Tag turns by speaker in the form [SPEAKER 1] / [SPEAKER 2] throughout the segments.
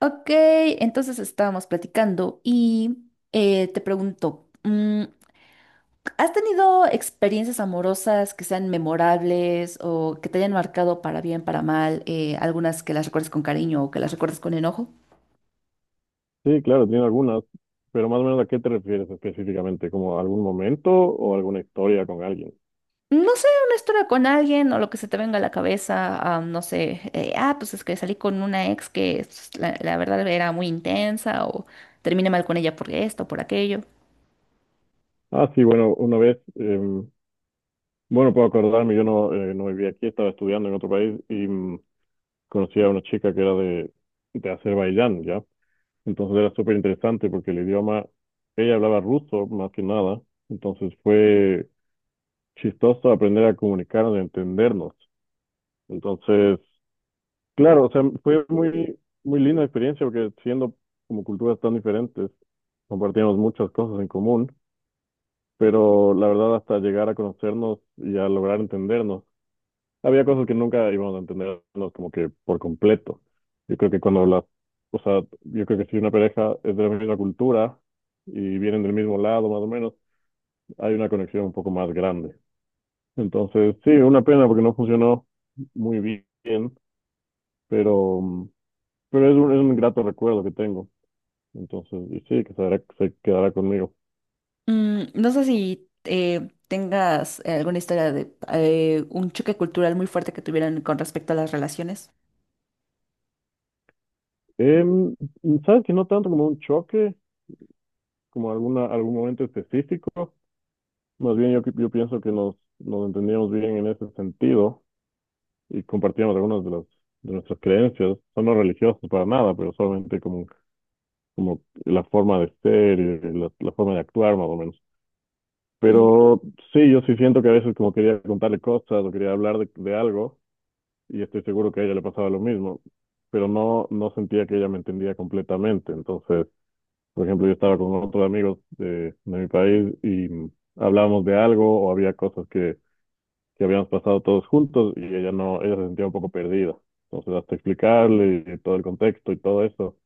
[SPEAKER 1] Ok, entonces estábamos platicando y te pregunto, ¿has tenido experiencias amorosas que sean memorables o que te hayan marcado para bien, para mal, algunas que las recuerdes con cariño o que las recuerdes con enojo?
[SPEAKER 2] Sí, claro, tiene algunas, pero más o menos a qué te refieres específicamente, como algún momento o alguna historia con alguien.
[SPEAKER 1] No sé, una historia con alguien o lo que se te venga a la cabeza, no sé, pues es que salí con una ex que pues, la verdad era muy intensa o terminé mal con ella por esto, por aquello.
[SPEAKER 2] Ah, sí, bueno, una vez, bueno, puedo acordarme, yo no, no vivía aquí, estaba estudiando en otro país y conocí a una chica que era de Azerbaiyán, ¿ya? Entonces era súper interesante porque el idioma, ella hablaba ruso más que nada, entonces fue chistoso aprender a comunicarnos y entendernos. Entonces, claro, o sea, fue muy, muy linda experiencia porque siendo como culturas tan diferentes, compartíamos muchas cosas en común, pero la verdad hasta llegar a conocernos y a lograr entendernos, había cosas que nunca íbamos a entendernos como que por completo. Yo creo que cuando o sea, yo creo que si una pareja es de la misma cultura y vienen del mismo lado más o menos, hay una conexión un poco más grande. Entonces, sí, una pena porque no funcionó muy bien, pero, pero es es un grato recuerdo que tengo. Entonces, y sí, se quedará conmigo.
[SPEAKER 1] Mm, no sé si tengas alguna historia de un choque cultural muy fuerte que tuvieran con respecto a las relaciones.
[SPEAKER 2] Em, ¿Sabes que no tanto como un choque, como algún momento específico? Más bien yo pienso que nos entendíamos bien en ese sentido y compartíamos algunas de de nuestras creencias. Son no religiosos para nada, pero solamente como, como la forma de ser y la forma de actuar más o menos.
[SPEAKER 1] Mm,
[SPEAKER 2] Pero sí, yo sí siento que a veces como quería contarle cosas o quería hablar de algo y estoy seguro que a ella le pasaba lo mismo, pero no, no sentía que ella me entendía completamente. Entonces, por ejemplo, yo estaba con otros amigos de mi país y hablábamos de algo o había cosas que habíamos pasado todos juntos y ella no, ella se sentía un poco perdida. Entonces, hasta explicarle y todo el contexto y todo eso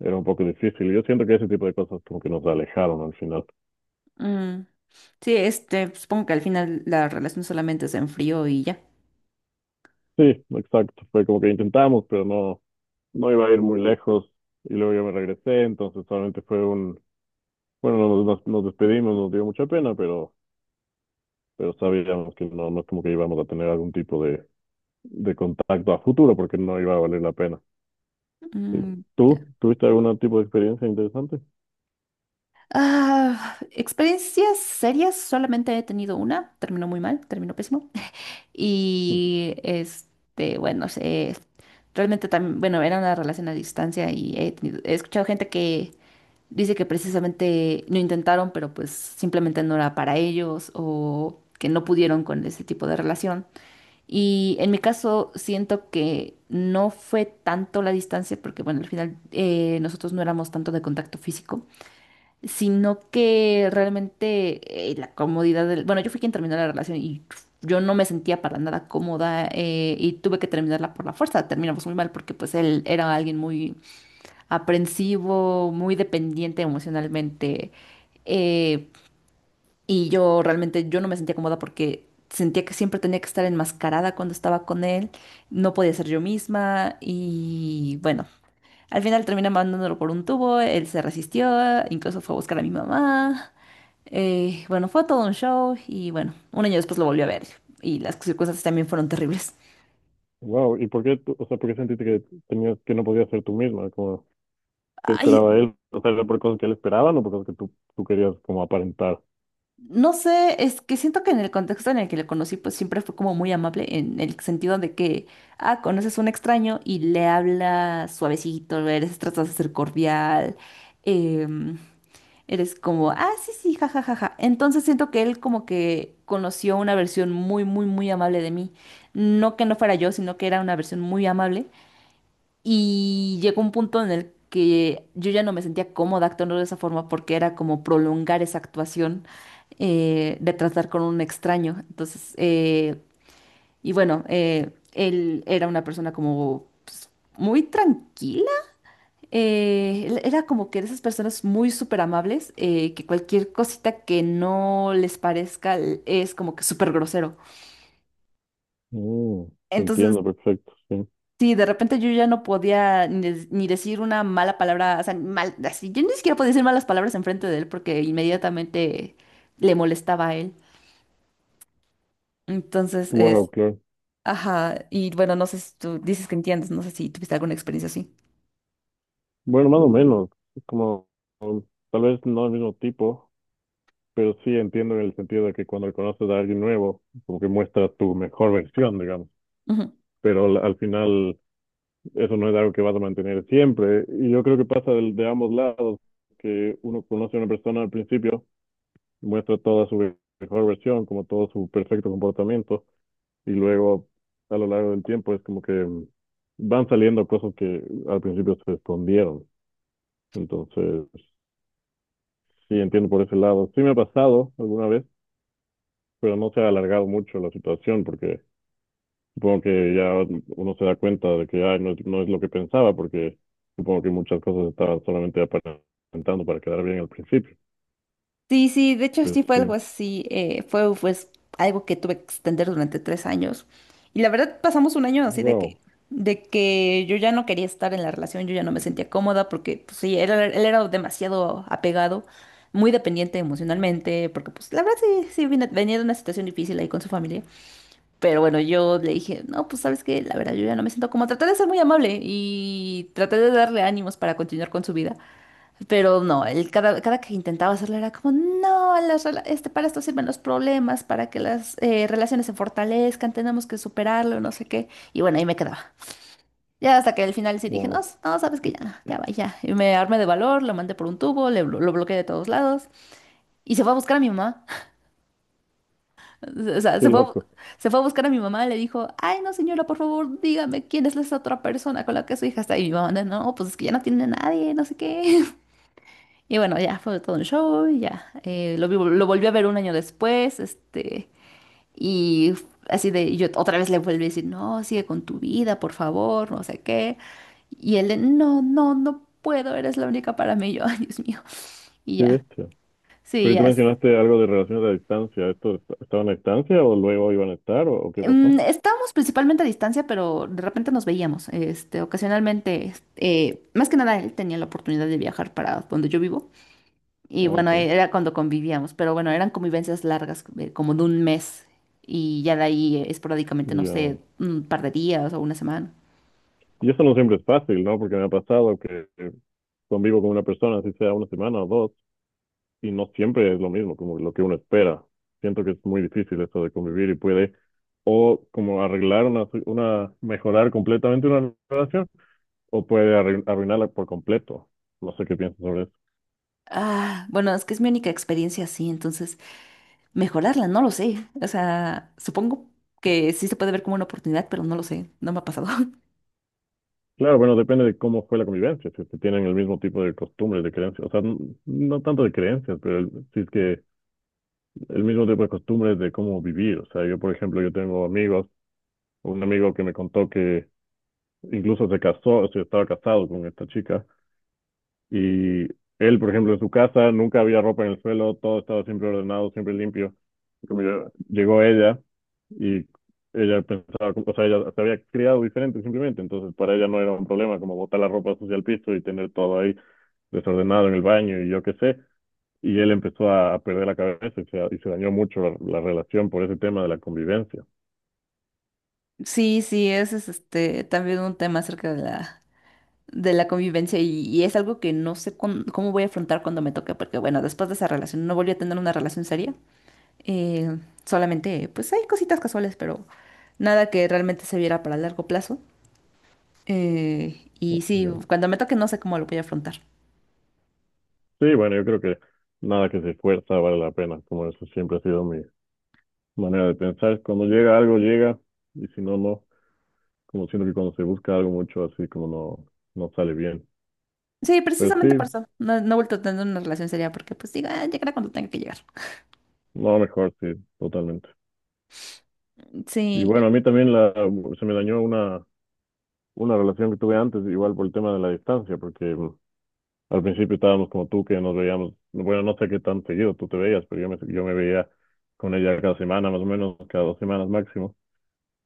[SPEAKER 2] era un poco difícil. Yo siento que ese tipo de cosas como que nos alejaron al final.
[SPEAKER 1] mm. Sí, este, supongo que al final la relación solamente se enfrió y ya.
[SPEAKER 2] Sí, exacto. Fue como que intentamos, pero no, no iba a ir muy lejos. Y luego yo me regresé, entonces solamente fue un, bueno, nos despedimos, nos dio mucha pena, pero sabíamos que no, no es como que íbamos a tener algún tipo de contacto a futuro porque no iba a valer la pena. Sí.
[SPEAKER 1] Mm, ya.
[SPEAKER 2] ¿Tú tuviste algún tipo de experiencia interesante?
[SPEAKER 1] Ah, experiencias serias, solamente he tenido una, terminó muy mal, terminó pésimo. Y este, bueno, sé, realmente también, bueno, era una relación a distancia y he escuchado gente que dice que precisamente lo intentaron, pero pues simplemente no era para ellos o que no pudieron con ese tipo de relación. Y en mi caso siento que no fue tanto la distancia, porque bueno, al final nosotros no éramos tanto de contacto físico, sino que realmente la comodidad del... Bueno, yo fui quien terminó la relación y yo no me sentía para nada cómoda, y tuve que terminarla por la fuerza. Terminamos muy mal porque pues él era alguien muy aprensivo, muy dependiente emocionalmente. eh, y yo realmente yo no me sentía cómoda porque sentía que siempre tenía que estar enmascarada cuando estaba con él, no podía ser yo misma y bueno, al final terminé mandándolo por un tubo, él se resistió, incluso fue a buscar a mi mamá. Bueno fue todo un show y bueno, un año después lo volví a ver y las circunstancias también fueron terribles.
[SPEAKER 2] Wow, ¿y por qué, o sea, por qué sentiste que que no podías ser tú misma? Como, ¿qué
[SPEAKER 1] Ay,
[SPEAKER 2] esperaba él? O sea, ¿era por cosas que él esperaba o por cosas que tú querías como aparentar?
[SPEAKER 1] no sé, es que siento que en el contexto en el que le conocí, pues siempre fue como muy amable en el sentido de que, conoces a un extraño y le hablas suavecito, eres, tratas de ser cordial, em, eres como, ah, sí, sí, ja, ja, ja, ja. Entonces siento que él como que conoció una versión muy amable de mí. No que no fuera yo, sino que era una versión muy amable. Y llegó un punto en el que yo ya no me sentía cómoda actuando de esa forma porque era como prolongar esa actuación de tratar con un extraño. Entonces, él era una persona como pues, muy tranquila. Él era como que de esas personas muy súper amables que cualquier cosita que no les parezca es como que súper grosero.
[SPEAKER 2] Mm,
[SPEAKER 1] Entonces,
[SPEAKER 2] entiendo, perfecto, sí.
[SPEAKER 1] sí, de repente yo ya no podía ni, ni decir una mala palabra, o sea, mal, así, yo ni siquiera podía decir malas palabras enfrente de él porque inmediatamente le molestaba a él. Entonces
[SPEAKER 2] Wow,
[SPEAKER 1] es,
[SPEAKER 2] claro.
[SPEAKER 1] ajá, y bueno, no sé si tú dices que entiendes, no sé si tuviste alguna experiencia así.
[SPEAKER 2] Bueno, más o menos, como um, tal vez no el mismo tipo, pero sí entiendo en el sentido de que cuando conoces a alguien nuevo, como que muestra tu mejor versión, digamos. Pero al final eso no es algo que vas a mantener siempre. Y yo creo que pasa de ambos lados, que uno conoce a una persona al principio, muestra toda su mejor versión, como todo su perfecto comportamiento, y luego a lo largo del tiempo es como que van saliendo cosas que al principio se escondieron. Entonces, sí, entiendo por ese lado. Sí me ha pasado alguna vez, pero no se ha alargado mucho la situación porque supongo que ya uno se da cuenta de que ay, no, no es lo que pensaba, porque supongo que muchas cosas estaba solamente aparentando para quedar bien al principio.
[SPEAKER 1] Sí, de hecho
[SPEAKER 2] Pues
[SPEAKER 1] sí fue algo
[SPEAKER 2] sí.
[SPEAKER 1] así, fue pues algo que tuve que extender durante 3 años. Y la verdad pasamos un año así
[SPEAKER 2] Wow,
[SPEAKER 1] de que yo ya no quería estar en la relación, yo ya no me sentía cómoda porque pues, sí, él era demasiado apegado, muy dependiente emocionalmente, porque pues la verdad sí, sí venía de una situación difícil ahí con su familia. Pero bueno, yo le dije, no, pues sabes que la verdad yo ya no me siento cómoda, traté de ser muy amable y traté de darle ánimos para continuar con su vida. Pero no, él cada que intentaba hacerlo era como, no, para esto sirven los problemas, para que las relaciones se fortalezcan, tenemos que superarlo, no sé qué. Y bueno, ahí me quedaba. Ya hasta que al final sí dije, no,
[SPEAKER 2] wow,
[SPEAKER 1] no, sabes que ya, no, ya va, ya. Y me armé de valor, lo mandé por un tubo, lo bloqueé de todos lados y se fue a buscar a mi mamá. O sea,
[SPEAKER 2] qué
[SPEAKER 1] se fue,
[SPEAKER 2] loco,
[SPEAKER 1] se fue a buscar a mi mamá, le dijo, ay, no, señora, por favor, dígame quién es esa otra persona con la que su hija está. Y mi mamá, no, pues es que ya no tiene a nadie, no sé qué. Y bueno, ya fue todo un show, y ya. Lo volví a ver un año después, este, y así de, y yo otra vez le volví a decir, no, sigue con tu vida, por favor, no sé qué. Y él, de, no puedo, eres la única para mí. Y yo, ay, Dios mío. Y
[SPEAKER 2] qué
[SPEAKER 1] ya,
[SPEAKER 2] bestia.
[SPEAKER 1] sí,
[SPEAKER 2] Pero tú
[SPEAKER 1] ya.
[SPEAKER 2] mencionaste algo de relaciones a distancia. ¿Esto estaban a distancia o luego iban a estar o qué
[SPEAKER 1] Mm,
[SPEAKER 2] pasó?
[SPEAKER 1] estábamos principalmente a distancia, pero de repente nos veíamos, este, ocasionalmente, este, más que nada él tenía la oportunidad de viajar para donde yo vivo.
[SPEAKER 2] Ah,
[SPEAKER 1] Y bueno,
[SPEAKER 2] ok.
[SPEAKER 1] e, era cuando convivíamos, pero bueno, eran convivencias largas, como de un mes. Y ya de ahí esporádicamente, no
[SPEAKER 2] Ya.
[SPEAKER 1] sé, un par de días o una semana.
[SPEAKER 2] Y eso no siempre es fácil, ¿no? Porque me ha pasado que convivo con una persona, así sea una semana o dos, y no siempre es lo mismo como lo que uno espera. Siento que es muy difícil eso de convivir y puede o como arreglar una, mejorar completamente una relación o puede arruinarla por completo. No sé qué piensas sobre eso.
[SPEAKER 1] Ah, bueno, es que es mi única experiencia así, entonces mejorarla, no lo sé. O sea, supongo que sí se puede ver como una oportunidad, pero no lo sé, no me ha pasado.
[SPEAKER 2] Claro, bueno, depende de cómo fue la convivencia, si es que tienen el mismo tipo de costumbres, de creencias, o sea, no tanto de creencias, pero si es que el mismo tipo de costumbres de cómo vivir. O sea, yo, por ejemplo, yo tengo amigos, un amigo que me contó que incluso se casó, o sea, estaba casado con esta chica, y él, por ejemplo, en su casa nunca había ropa en el suelo, todo estaba siempre ordenado, siempre limpio. Y como llegó ella y ella pensaba, o sea, ella se había criado diferente simplemente, entonces para ella no era un problema como botar la ropa sucia al piso y tener todo ahí desordenado en el baño y yo qué sé. Y él empezó a perder la cabeza y y se dañó mucho la relación por ese tema de la convivencia.
[SPEAKER 1] Sí, sí, ese es este también un tema acerca de la convivencia y es algo que no sé cómo voy a afrontar cuando me toque, porque bueno, después de esa relación no volví a tener una relación seria. Eh, Solamente, pues hay cositas casuales, pero nada que realmente se viera para largo plazo.
[SPEAKER 2] ¿No?
[SPEAKER 1] Y sí,
[SPEAKER 2] Ya.
[SPEAKER 1] cuando me toque no sé cómo lo voy a afrontar.
[SPEAKER 2] Sí, bueno, yo creo que nada que se esfuerza vale la pena, como eso siempre ha sido mi, manera de pensar. Cuando llega algo, llega, y si no, no. Como siento que cuando se busca algo mucho, así como no, no sale bien.
[SPEAKER 1] Sí,
[SPEAKER 2] Pero
[SPEAKER 1] precisamente
[SPEAKER 2] sí,
[SPEAKER 1] por eso. No, no he vuelto a tener una relación seria porque pues diga, "Ah, llegará cuando tenga que llegar.
[SPEAKER 2] no, mejor, sí, totalmente. Y
[SPEAKER 1] Sí.
[SPEAKER 2] bueno, a mí también se me dañó una relación que tuve antes, igual por el tema de la distancia, porque al principio estábamos como tú, que nos veíamos, bueno, no sé qué tan seguido tú te veías, pero yo me veía con ella cada semana, más o menos, cada 2 semanas máximo.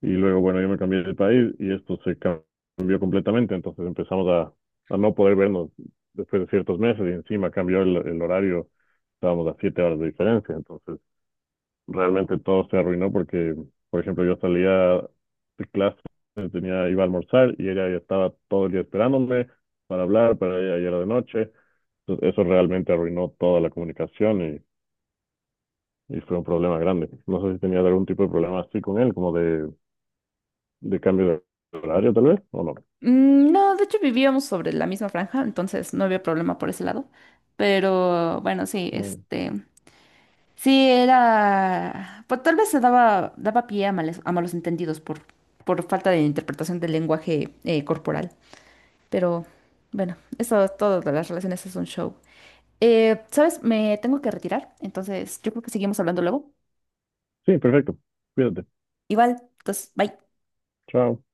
[SPEAKER 2] Y luego, bueno, yo me cambié de país y esto se cambió completamente, entonces empezamos a no poder vernos después de ciertos meses y encima cambió el horario, estábamos a 7 horas de diferencia, entonces realmente todo se arruinó porque, por ejemplo, yo salía de clase, tenía, iba a almorzar y ella ya estaba todo el día esperándome para hablar, para ella ya era de noche, entonces eso realmente arruinó toda la comunicación y fue un problema grande. No sé si tenías algún tipo de problema así con él, como de cambio de horario tal vez, o no.
[SPEAKER 1] Mm, no, de hecho vivíamos sobre la misma franja, entonces no había problema por ese lado. Pero bueno, sí,
[SPEAKER 2] Bueno,
[SPEAKER 1] este... Sí, era... Pues tal vez se daba, daba pie a a malos entendidos por falta de interpretación del lenguaje corporal. Pero bueno, eso es todo de las relaciones, es un show. ¿Sabes? Me tengo que retirar, entonces yo creo que seguimos hablando luego.
[SPEAKER 2] sí, perfecto. Cuídate.
[SPEAKER 1] Igual, pues, bye.
[SPEAKER 2] Chao.